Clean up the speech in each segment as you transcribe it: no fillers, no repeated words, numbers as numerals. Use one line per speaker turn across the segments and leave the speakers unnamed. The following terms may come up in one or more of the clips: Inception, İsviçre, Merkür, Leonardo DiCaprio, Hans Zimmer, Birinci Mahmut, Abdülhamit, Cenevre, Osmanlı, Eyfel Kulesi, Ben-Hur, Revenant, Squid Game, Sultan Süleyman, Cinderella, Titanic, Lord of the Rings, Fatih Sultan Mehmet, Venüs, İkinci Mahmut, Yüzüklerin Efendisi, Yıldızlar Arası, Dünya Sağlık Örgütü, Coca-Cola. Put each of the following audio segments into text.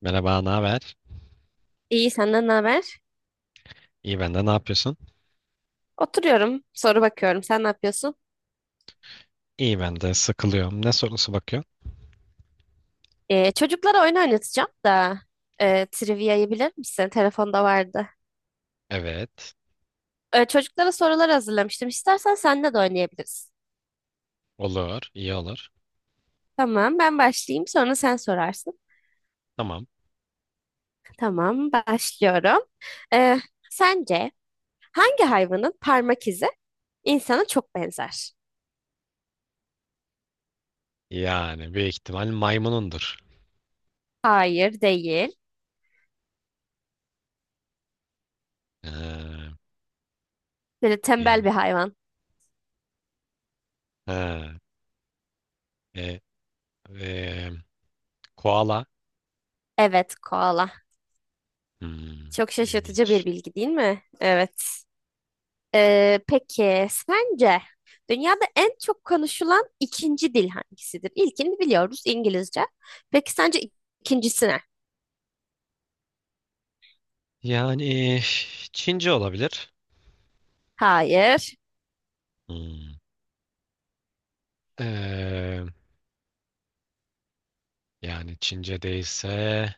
Merhaba, ne haber?
İyi senden ne haber?
İyi ben de, ne yapıyorsun?
Oturuyorum, soru bakıyorum. Sen ne yapıyorsun?
İyi ben de sıkılıyorum. Ne sorusu bakıyorsun?
Çocuklara oyun oynatacağım da trivia'yı bilir misin? Telefonda vardı.
Evet.
Çocuklara sorular hazırlamıştım. İstersen seninle de oynayabiliriz.
Olur, iyi olur.
Tamam, ben başlayayım. Sonra sen sorarsın.
Tamam.
Tamam, başlıyorum. Ee, Sence hangi hayvanın parmak izi insana çok benzer?
Yani büyük ihtimal maymunundur.
Hayır, değil.
Ee,
Böyle tembel
yani.
bir hayvan.
Ha, e, e, koala.
Evet, koala.
Hmm,
Çok şaşırtıcı bir
ilginç.
bilgi değil mi? Evet. Peki sence dünyada en çok konuşulan ikinci dil hangisidir? İlkini biliyoruz, İngilizce. Peki sence ikincisi ne?
Yani Çince olabilir.
Hayır,
Hmm. Ee, Yani Çince değilse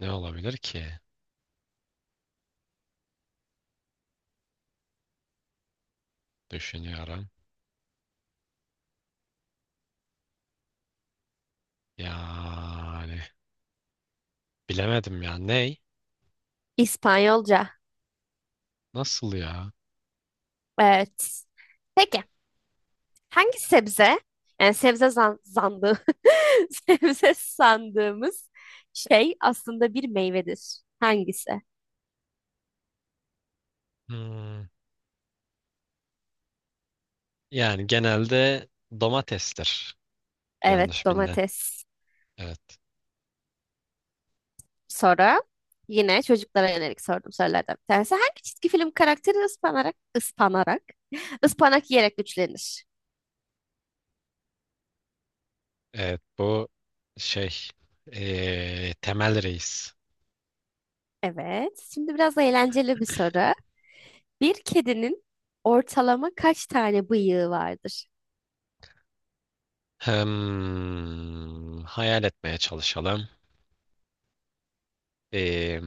ne olabilir ki? Düşünüyorum. Yani bilemedim ya. Ney?
İspanyolca.
Nasıl ya?
Evet. Peki hangi sebze? Yani sebze zan zandı. Sebze sandığımız şey aslında bir meyvedir. Hangisi?
Hmm. Yani genelde domatestir.
Evet,
Yanlış bilinen.
domates.
Evet.
Soru. Yine çocuklara yönelik sorduğum sorulardan bir tanesi. Hangi çizgi film karakteri ıspanak yiyerek güçlenir?
Evet bu şey temel reis.
Evet. Şimdi biraz eğlenceli bir soru. Bir kedinin ortalama kaç tane bıyığı vardır?
Hmm, hayal etmeye çalışalım. Eee,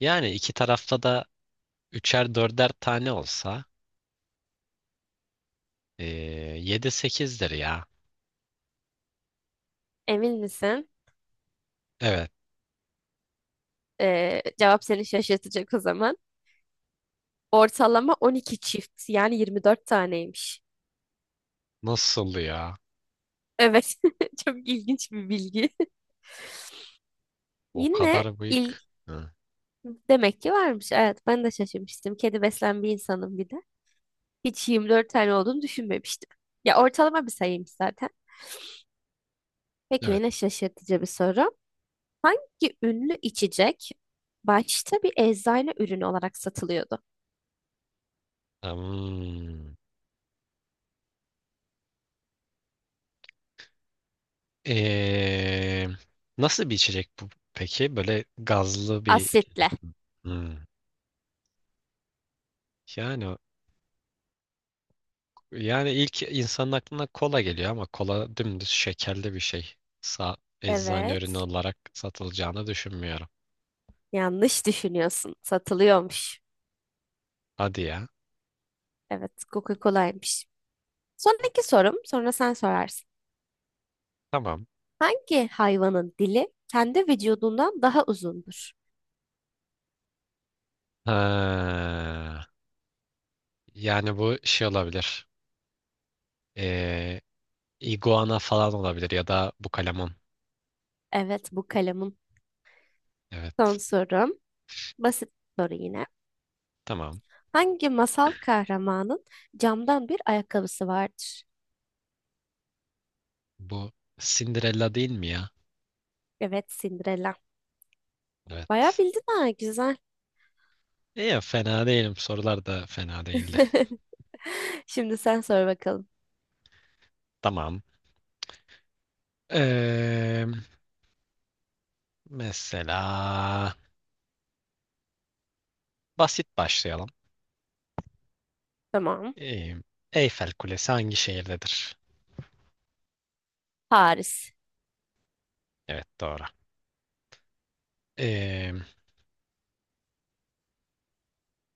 Yani iki tarafta da üçer dörder tane olsa eee, yedi sekizdir ya.
Emin misin?
Evet.
Cevap seni şaşırtacak o zaman. Ortalama 12 çift, yani 24 taneymiş.
Nasıl ya?
Evet. Çok ilginç bir bilgi.
O
Yine
kadar büyük.
ilk
Hı.
demek ki varmış. Evet, ben de şaşırmıştım. Kedi besleyen bir insanım bir de. Hiç 24 tane olduğunu düşünmemiştim. Ya ortalama bir sayıymış zaten. Peki
Evet.
yine şaşırtıcı bir soru. Hangi ünlü içecek başta bir eczane ürünü olarak satılıyordu?
Hmm. Ee, Nasıl bir içecek bu peki? Böyle gazlı bir
Asitle.
içecek mi? Hmm. Yani yani ilk insanın aklına kola geliyor ama kola dümdüz şekerli bir şey. Sa Eczane ürünü
Evet.
olarak satılacağını düşünmüyorum.
Yanlış düşünüyorsun. Satılıyormuş.
Hadi ya.
Evet, Coca-Cola'ymış. Sonraki sorum, sonra sen sorarsın.
Tamam.
Hangi hayvanın dili kendi vücudundan daha uzundur?
Ha, yani bu şey olabilir. Ee, iguana falan olabilir ya da bu kalemon.
Evet, bu kalemin son
Evet.
sorum. Basit soru yine.
Tamam.
Hangi masal kahramanın camdan bir ayakkabısı vardır?
Bu Cinderella değil mi ya?
Evet, Cinderella. Bayağı
Evet.
bildin ha, güzel.
İyi, fena değilim. Sorular da fena değildi.
Şimdi sen sor bakalım.
Tamam. Ee, Mesela basit başlayalım.
Tamam.
Ee, Eyfel Kulesi hangi şehirdedir?
Paris.
Evet doğru. Ee,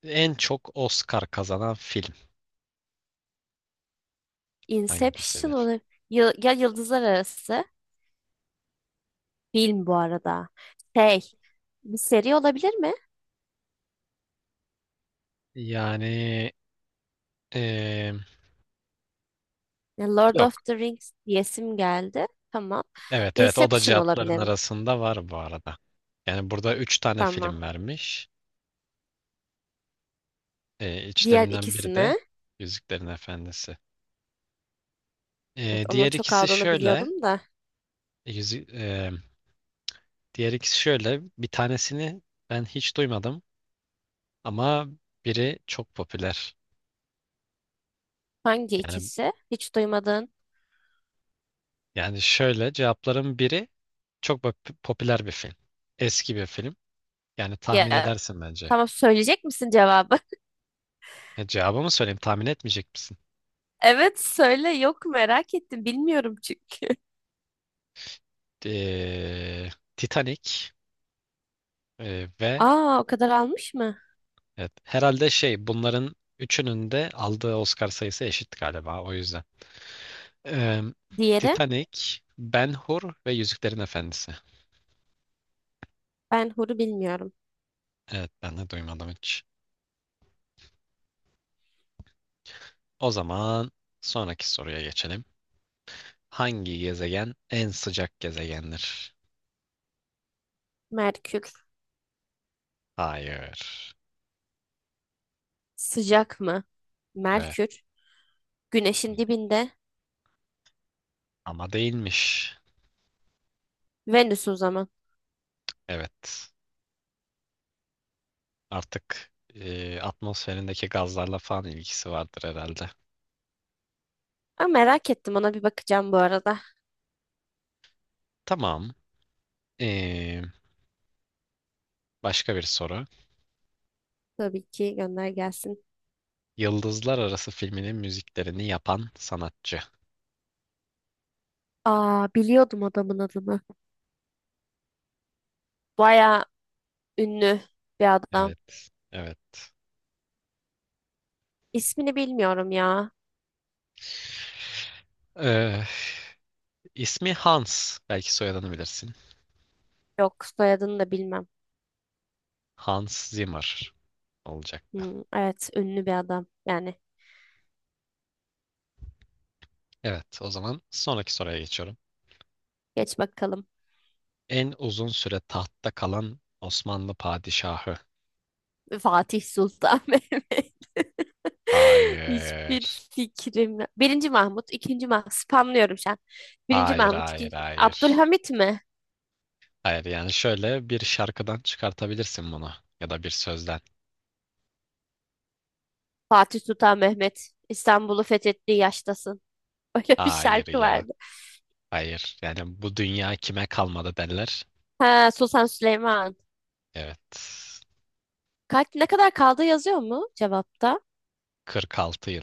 En çok Oscar kazanan film
Inception
hangisidir?
olabilir. Ya, ya Yıldızlar Arası. Film bu arada. Şey, bir seri olabilir mi?
Yani ee,
Ya, Lord of
yok.
the Rings diyesim geldi. Tamam.
Evet, evet, o da
Inception
cevapların
olabilirim.
arasında var bu arada. Yani burada üç tane
Tamam.
film vermiş.
Diğer
İçlerinden biri de
ikisine.
Yüzüklerin Efendisi.
Evet, onun
Diğer
çok
ikisi
aldığını
şöyle.
biliyordum da.
Yüzü, e, Diğer ikisi şöyle. Bir tanesini ben hiç duymadım ama biri çok popüler.
Hangi
Yani
ikisi? Hiç duymadın.
yani şöyle cevapların biri popüler bir film. Eski bir film. Yani tahmin
Ya,
edersin bence.
tamam söyleyecek misin cevabı?
E, cevabı mı söyleyeyim? Tahmin etmeyecek misin?
Evet söyle, yok merak ettim bilmiyorum çünkü.
Ee, Titanic ve
Aa, o kadar almış mı?
evet, herhalde şey bunların üçünün de aldığı Oscar sayısı eşit galiba o yüzden. Ee,
Diğeri
Titanic, Ben-Hur ve Yüzüklerin Efendisi.
ben huru bilmiyorum.
Evet ben de duymadım hiç. O zaman sonraki soruya geçelim. Hangi gezegen en sıcak gezegendir?
Merkür
Hayır.
sıcak mı?
Evet
Merkür güneşin dibinde.
ama değilmiş.
Venüs o zaman.
Evet. Artık atmosferindeki gazlarla falan ilgisi vardır herhalde.
Aa, merak ettim, ona bir bakacağım bu arada.
Tamam. E, Başka bir soru.
Tabii ki gönder gelsin.
Yıldızlar Arası filminin müziklerini yapan sanatçı.
Aa, biliyordum adamın adını. Baya ünlü bir adam.
Evet. Evet.
İsmini bilmiyorum ya.
E, ismi Hans. Belki soyadını bilirsin.
Yok, soyadını da bilmem.
Hans Zimmer olacaktı.
Hmm, evet, ünlü bir adam yani.
Evet, o zaman sonraki soruya geçiyorum.
Geç bakalım.
En uzun süre tahtta kalan Osmanlı padişahı.
Fatih Sultan Mehmet. Hiçbir
Hayır.
fikrim yok. Birinci Mahmut, ikinci Mahmut. Spamlıyorum şu an. Birinci
Hayır,
Mahmut,
hayır,
ikinci...
hayır.
Abdülhamit mi?
Hayır, yani şöyle bir şarkıdan çıkartabilirsin bunu ya da bir sözden.
Fatih Sultan Mehmet. İstanbul'u fethettiği yaştasın. Öyle bir
Hayır
şarkı
ya.
vardı.
Hayır. Yani bu dünya kime kalmadı derler.
Ha, Sultan Süleyman.
Evet.
Kaç, ne kadar kaldı yazıyor mu cevapta?
46 yıl.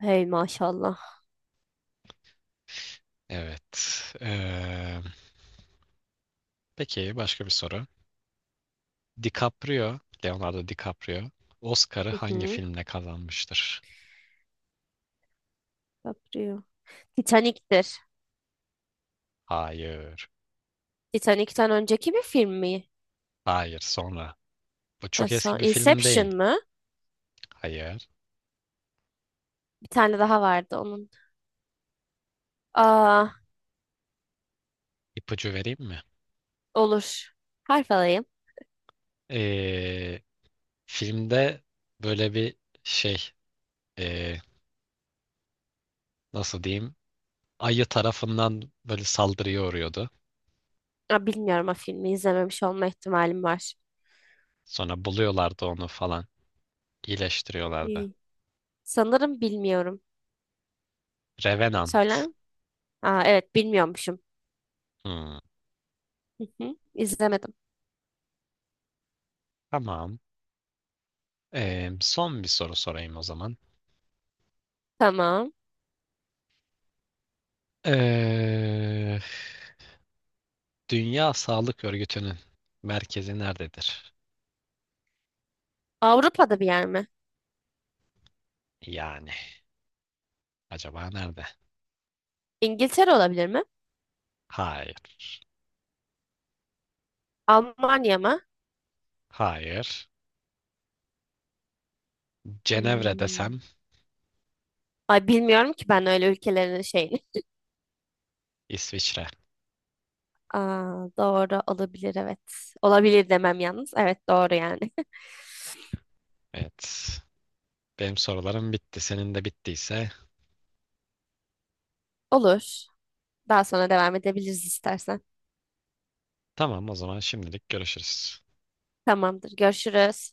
Hey maşallah.
Evet. Peki başka bir soru. DiCaprio, Leonardo DiCaprio Oscar'ı
Hı
hangi
hı.
filmle kazanmıştır?
Caprio. Titanic'tir.
Hayır.
Titanic'ten önceki bir film mi?
Hayır, sonra. Bu
Ha,
çok
son-
eski bir film
Inception
değil.
mı?
Hayır.
Bir tane daha vardı onun. Aa,
İpucu vereyim mi?
olur. Harf alayım.
Ee, Filmde böyle bir şey ee, nasıl diyeyim? Ayı tarafından böyle saldırıya uğruyordu.
Aa, bilmiyorum, o filmi izlememiş olma ihtimalim var.
Sonra buluyorlardı onu falan. İyileştiriyorlardı.
Hmm. Sanırım bilmiyorum. Söyler
Revenant.
mi? Aa, evet bilmiyormuşum.
Hmm,
Hı hı, İzlemedim.
tamam. Son bir soru sorayım o zaman.
Tamam.
Ee, Dünya Sağlık Örgütü'nün merkezi nerededir?
Avrupa'da bir yer mi?
Yani acaba nerede?
İngiltere olabilir mi?
Hayır.
Almanya mı?
Hayır. Cenevre
Hmm.
desem
Ay, bilmiyorum ki ben öyle ülkelerin şeyini.
İsviçre.
Aa, doğru olabilir evet. Olabilir demem yalnız. Evet, doğru yani.
Evet. Benim sorularım bitti. Senin de bittiyse
Olur. Daha sonra devam edebiliriz istersen.
tamam, o zaman şimdilik görüşürüz.
Tamamdır. Görüşürüz.